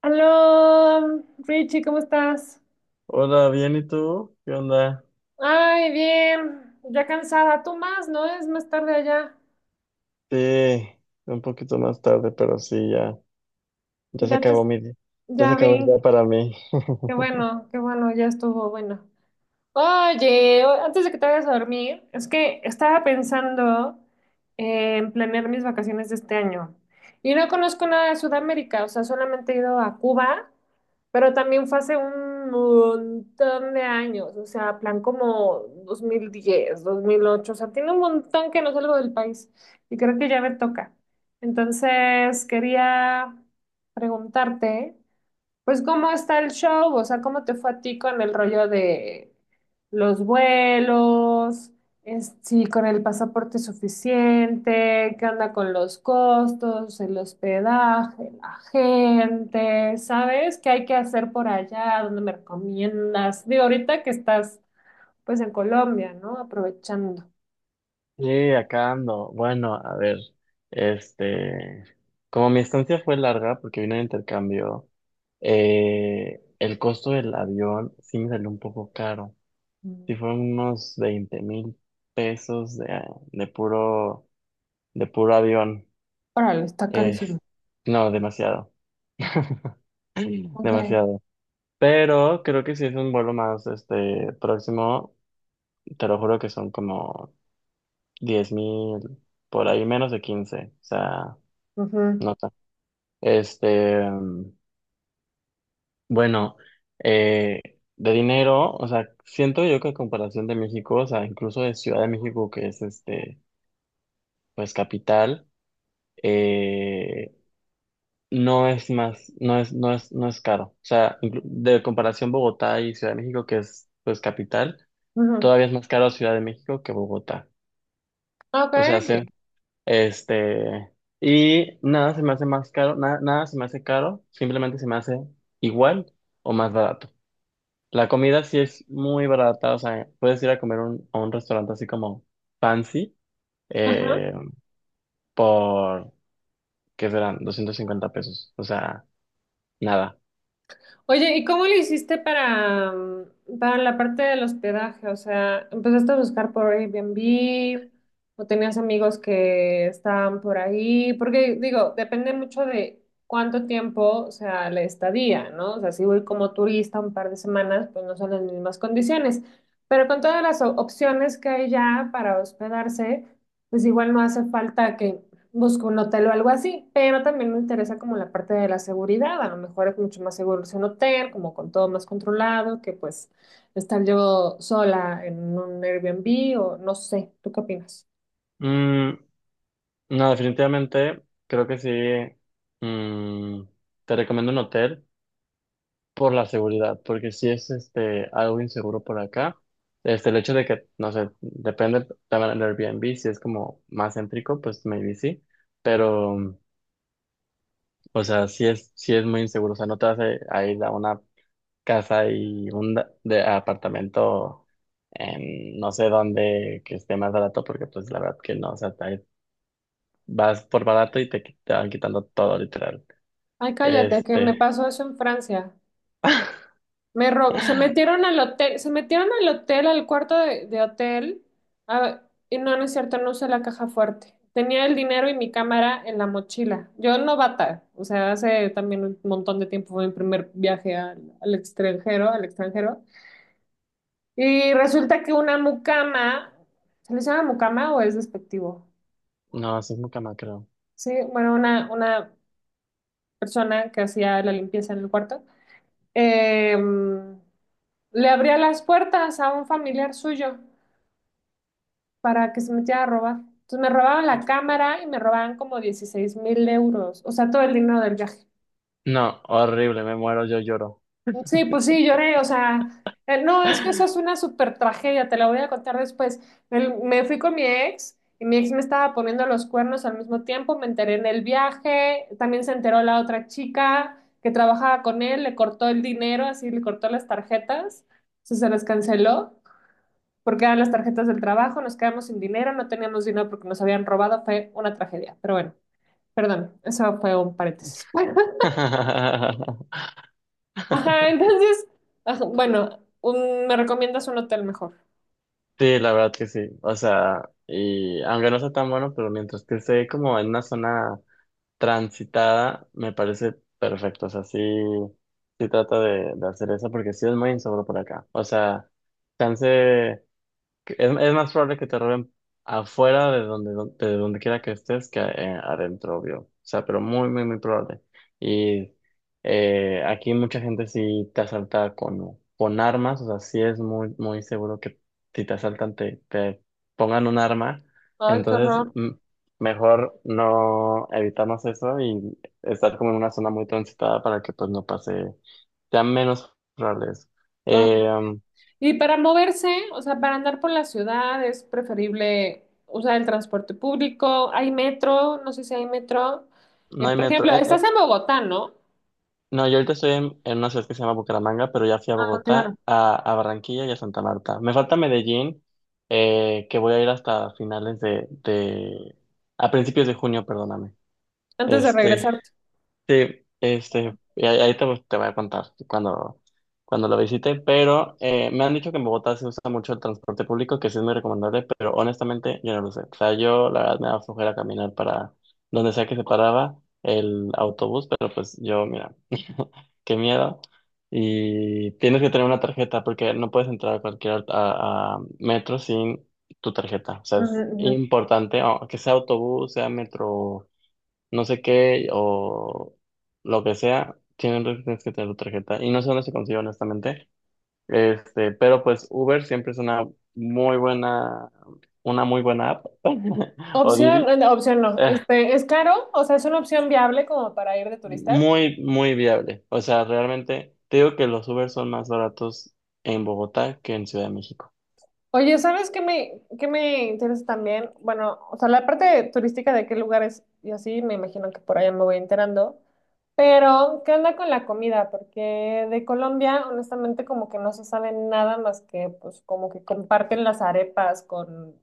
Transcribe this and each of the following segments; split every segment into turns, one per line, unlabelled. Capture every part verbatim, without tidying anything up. Aló, Richie, ¿cómo estás?
Hola, bien, ¿y tú? ¿Qué onda?
Ay, bien, ya cansada. Tú más, ¿no? Es más tarde allá.
Sí, un poquito más tarde, pero sí, ya, ya se
Ya te,
acabó mi día. Ya se
ya
acabó el
vi.
día para mí.
Qué bueno, qué bueno, ya estuvo bueno. Oye, o- antes de que te vayas a dormir, es que estaba pensando en planear mis vacaciones de este año. Y no conozco nada de Sudamérica, o sea, solamente he ido a Cuba, pero también fue hace un montón de años, o sea, plan como dos dos mil diez, dos mil ocho, o sea, tiene un montón que no salgo del país y creo que ya me toca. Entonces, quería preguntarte. Pues, ¿cómo está el show? O sea, ¿cómo te fue a ti con el rollo de los vuelos? Es- si con el pasaporte suficiente, ¿qué onda con los costos, el hospedaje, la gente? ¿Sabes qué hay que hacer por allá? ¿Dónde me recomiendas? Digo, ahorita que estás pues en Colombia, ¿no? Aprovechando.
Sí, acá ando. Bueno, a ver, este, como mi estancia fue larga porque vine de intercambio, eh, el costo del avión sí me salió un poco caro. Sí
Mm.
fueron unos veinte mil pesos de, ah, de puro, de puro avión.
Órale, está carísimo.
Es, no, demasiado.
Ok.
Demasiado. Pero creo que si es un vuelo más este próximo, te lo juro que son como diez mil, por ahí menos de quince, o sea, no
Ujú,
nota. Este, mm, bueno, eh, de dinero, o sea, siento yo que a comparación de México, o sea, incluso de Ciudad de México, que es este, pues capital, eh, no es más, no es, no es, no es caro. O sea, inclu- de comparación Bogotá y Ciudad de México, que es pues capital,
ujú.
todavía es más caro Ciudad de México que Bogotá.
Ok.
O sea, sí. Este, y nada se me hace más caro, nada, nada se me hace caro, simplemente se me hace igual o más barato. La comida sí es muy barata, o sea, puedes ir a comer un- a un restaurante así como fancy,
Ajá.
eh, por, ¿qué serán? Doscientos cincuenta pesos, o sea, nada.
Oye, ¿y cómo le hiciste para, mm, para la parte del hospedaje? O sea, ¿empezaste a buscar por Airbnb o tenías amigos que estaban por ahí? Porque digo, depende mucho de cuánto tiempo, o sea, la estadía, ¿no? O sea, si voy como turista un par de semanas, pues no son las mismas condiciones. Pero con todas las o- opciones que hay ya para hospedarse, pues igual no hace falta que busco un hotel o algo así, pero también me interesa como la parte de la seguridad, a lo mejor es mucho más seguro irse a un hotel, como con todo más controlado, que pues estar yo sola en un Airbnb o no sé, ¿tú qué opinas?
Mm, no, definitivamente creo que sí. mm, Te recomiendo un hotel, por la seguridad, porque si es este algo inseguro por acá, este el hecho de que, no sé, depende también del Airbnb, si es como más céntrico, pues maybe sí, pero, mm, o sea, si es, si es muy inseguro, o sea, no te vas a, a ir a una casa y un da- de apartamento en no sé dónde que esté más barato, porque pues la verdad que no, o sea, te- vas por barato y te, qui- te van quitando todo, literal.
Ay, cállate, que me
Este,
pasó eso en Francia. Me rob- se metieron al hotel, se metieron al hotel, al cuarto de, de hotel, a- y no, no es cierto, no usé la caja fuerte. Tenía el dinero y mi cámara en la mochila. Yo novata, o sea, hace también un montón de tiempo fue mi primer viaje al, al extranjero, al extranjero. Y resulta que una mucama, ¿se le llama mucama o es despectivo?
no, así es muy creo.
Sí, bueno, una, una persona que hacía la limpieza en el cuarto, em, le abría las puertas a un familiar suyo para que se metiera a robar. Entonces me robaban la cámara y me robaban como dieciséis mil euros, o sea, todo el dinero del viaje.
No, horrible, me muero, yo lloro.
Sí, pues sí, lloré, o sea, eh, no, es que eso es una super tragedia, te la voy a contar después. Me, me fui con mi ex y mi ex me estaba poniendo los cuernos al mismo tiempo, me enteré en el viaje, también se enteró la otra chica que trabajaba con él, le cortó el dinero, así le cortó las tarjetas, o sea, se las canceló porque eran las tarjetas del trabajo, nos quedamos sin dinero, no teníamos dinero porque nos habían robado, fue una tragedia. Pero bueno, perdón, eso fue un paréntesis. Ajá, entonces, ajá, bueno, un- me recomiendas un hotel mejor.
Sí, la verdad que sí. O sea, y aunque no sea tan bueno, pero mientras que esté como en una zona transitada, me parece perfecto. O sea, sí, sí trata de, de hacer eso porque sí es muy inseguro por acá. O sea, chance. Que Es, es más probable que te roben afuera de donde, de donde quiera que estés que eh, adentro, obvio. O sea, pero muy, muy, muy probable. Y eh, aquí mucha gente sí te asalta con, con armas, o sea, sí es muy, muy seguro que si te asaltan te, te pongan un arma.
Ay, qué
Entonces,
horror.
mm, mejor no evitarnos eso y estar como en una zona muy transitada para que pues no pase, sea menos probable eso.
Ay.
Eh, um,
Y para moverse, o sea, para andar por la ciudad es preferible usar el transporte público. Hay metro, no sé si hay metro.
no
Eh,
hay
Por
metro.
ejemplo,
eh,
estás
eh,
en Bogotá, ¿no?
No, yo ahorita estoy en, en una ciudad que se llama Bucaramanga, pero ya fui a
Ah, claro.
Bogotá, a, a Barranquilla y a Santa Marta. Me falta Medellín, eh, que voy a ir hasta finales de, de, a principios de junio, perdóname.
Antes de
Este,
regresar.
sí, este, y ahí, ahí te, te voy a contar cuando, cuando lo visite, pero eh, me han dicho que en Bogotá se usa mucho el transporte público, que sí es muy recomendable, pero honestamente yo no lo sé. O sea, yo la verdad me da flojera caminar para donde sea que se paraba el autobús, pero pues yo, mira qué miedo. Y tienes que tener una tarjeta porque no puedes entrar a cualquier a, a metro sin tu tarjeta. O sea, es importante, o que sea autobús, sea metro, no sé qué, o lo que sea, tienes, tienes que tener tu tarjeta. Y no sé dónde se consigue, honestamente. Este, pero pues Uber siempre es una muy buena, una muy buena app, o
Opción,
Didi.
eh, no, opción no. Este, es caro, o sea, es una opción viable como para ir de turista.
Muy, muy viable. O sea, realmente te digo que los Uber son más baratos en Bogotá que en Ciudad de México.
Oye, ¿sabes qué me, qué me interesa también? Bueno, o sea, la parte turística de qué lugares y así, me imagino que por allá me voy enterando. Pero, ¿qué onda con la comida? Porque de Colombia, honestamente, como que no se sabe nada más que, pues, como que comparten las arepas con,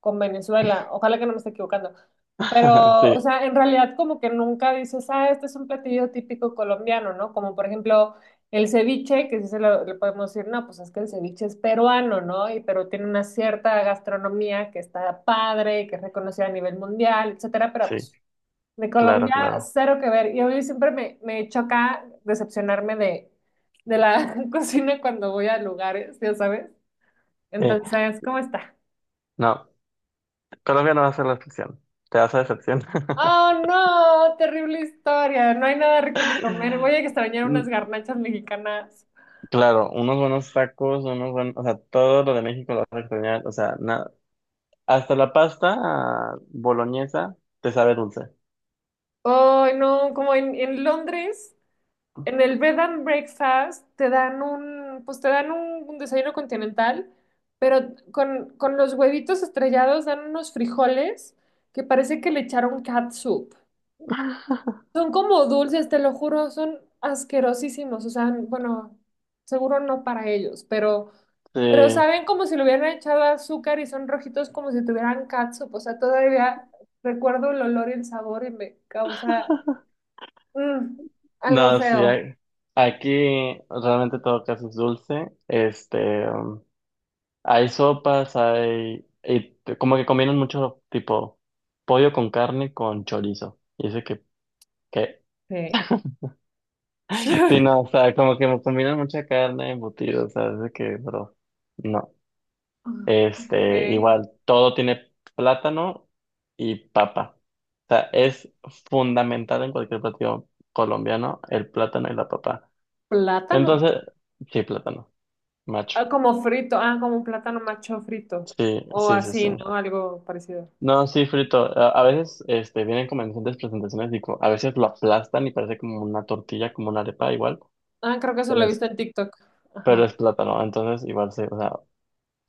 con Venezuela. Ojalá que no me esté equivocando. Pero, o
Sí,
sea, en realidad como que nunca dices, ah, este es un platillo típico colombiano, ¿no? Como por ejemplo el ceviche, que sí se lo, le podemos decir, no, pues es que el ceviche es peruano, ¿no? Y pero tiene una cierta gastronomía que está padre, que es reconocida a nivel mundial, etcétera, pero
sí,
pues de
claro,
Colombia
claro.
cero que ver. Y hoy siempre me, me choca decepcionarme de, de la cocina cuando voy a lugares, ya sabes.
Sí,
Entonces, ¿cómo está?
no, Colombia no va a ser la excepción. Te vas a decepcionar.
Oh, no, terrible historia. No hay nada rico que comer. Voy a extrañar unas
Mm,
garnachas mexicanas.
claro, unos buenos tacos, unos buenos, o sea, todo lo de México lo vas a extrañar. O sea, nada, hasta la pasta boloñesa te sabe dulce.
Oh, no, como en, en Londres, en el bed and breakfast te dan un, pues te dan un, un desayuno continental, pero con, con los huevitos estrellados dan unos frijoles que parece que le echaron catsup. Son como dulces, te lo juro, son asquerosísimos. O sea, bueno, seguro no para ellos, pero,
Sí,
pero saben como si le hubieran echado azúcar y son rojitos como si tuvieran catsup. O sea, todavía recuerdo el olor y el sabor y me causa mm, algo
no, sí,
feo.
a- aquí realmente todo casi es dulce. Este. Hay sopas, hay, y te- como que combinan mucho tipo pollo con carne con chorizo. Y dice que, que,
Sí.
sí, no, o sea, como que me combinan mucha carne embutido, o sea, dice que, bro, no.
Ok.
Este, igual, todo tiene plátano y papa. O sea, es fundamental en cualquier platillo colombiano el plátano y la papa.
Plátano.
Entonces, sí, plátano, macho.
Ah, como frito, ah, como un plátano macho frito.
Sí,
O
sí, sí, sí.
así, ¿no? Algo parecido.
No, sí, frito. A, a veces este, vienen como en diferentes presentaciones y co- a veces lo aplastan y parece como una tortilla, como una arepa igual.
Ah, creo que eso lo
Pero
he
es,
visto en TikTok. Ajá.
pero es plátano, entonces igual sí. O sea,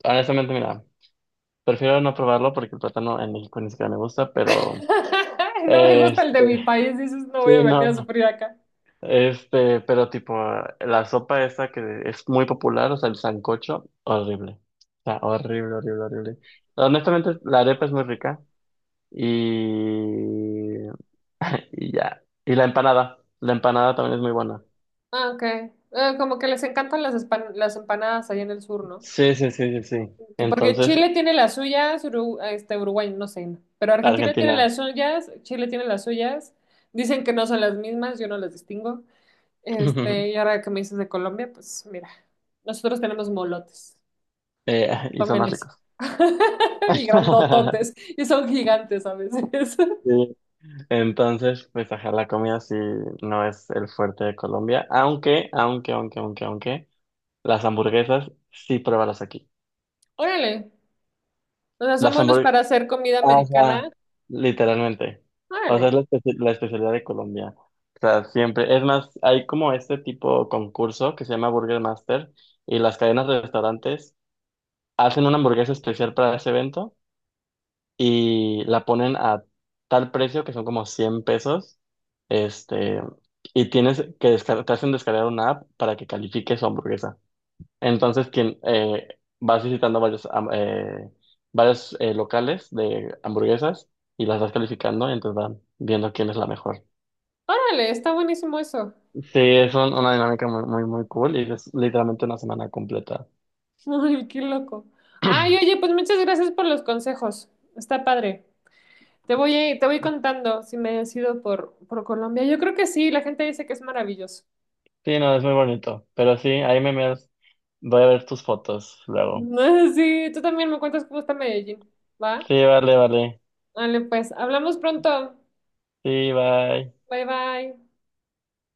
honestamente, mira, prefiero no probarlo porque el plátano en México ni siquiera me gusta, pero
No me gusta el de
este,
mi país, dices, no voy a
sí,
venir a
no.
sufrir acá.
Este, pero tipo, la sopa esa que es muy popular, o sea, el sancocho, horrible. O sea, horrible, horrible, horrible. Honestamente, la arepa es muy rica y y ya. Y la empanada. La empanada también es muy buena.
Ah, ok. Eh, como que les encantan las, espan- las empanadas allá en el sur, ¿no?
Sí, sí, sí, sí, sí.
Que porque
Entonces,
Chile tiene las suyas, Uru- este, Uruguay, no sé, no, pero Argentina tiene
Argentina
las suyas, Chile tiene las suyas, dicen que no son las mismas, yo no las distingo. Este, y ahora que me dices de Colombia, pues mira, nosotros tenemos molotes,
eh, y son
tomen
más
eso.
ricos.
Y grandototes, y son gigantes a veces.
Sí. Entonces, pues ajá, la comida sí no es el fuerte de Colombia. Aunque, aunque, aunque, aunque, aunque, las hamburguesas sí pruébalas aquí.
Órale. O sea, son
Las
buenos
hamburguesas.
para hacer comida
Ah,
americana.
ajá, literalmente. O sea, es
Órale,
la, espe- la especialidad de Colombia. O sea, siempre. Es más, hay como este tipo de concurso que se llama Burger Master y las cadenas de restaurantes hacen una hamburguesa especial para ese evento y la ponen a tal precio que son como cien pesos. Este, y tienes que descargar, te hacen descargar una app para que califique su hamburguesa. Entonces, quien eh, vas visitando varios, am- eh, varios, eh, locales de hamburguesas y las vas calificando, entonces van viendo quién es la mejor.
órale, está buenísimo eso.
Sí, es un- una dinámica muy, muy, muy cool y es literalmente una semana completa.
Ay, qué loco. Ay, oye, pues muchas gracias por los consejos. Está padre. Te voy, a- te voy contando si me decido por, por Colombia. Yo creo que sí, la gente dice que es maravilloso.
Sí, no, es muy bonito. Pero sí, ahí me miras. Voy a ver tus fotos luego.
Sí, tú también me cuentas cómo está Medellín, ¿va?
Sí, vale, vale.
Vale, pues, hablamos pronto.
Sí, bye.
Bye, bye.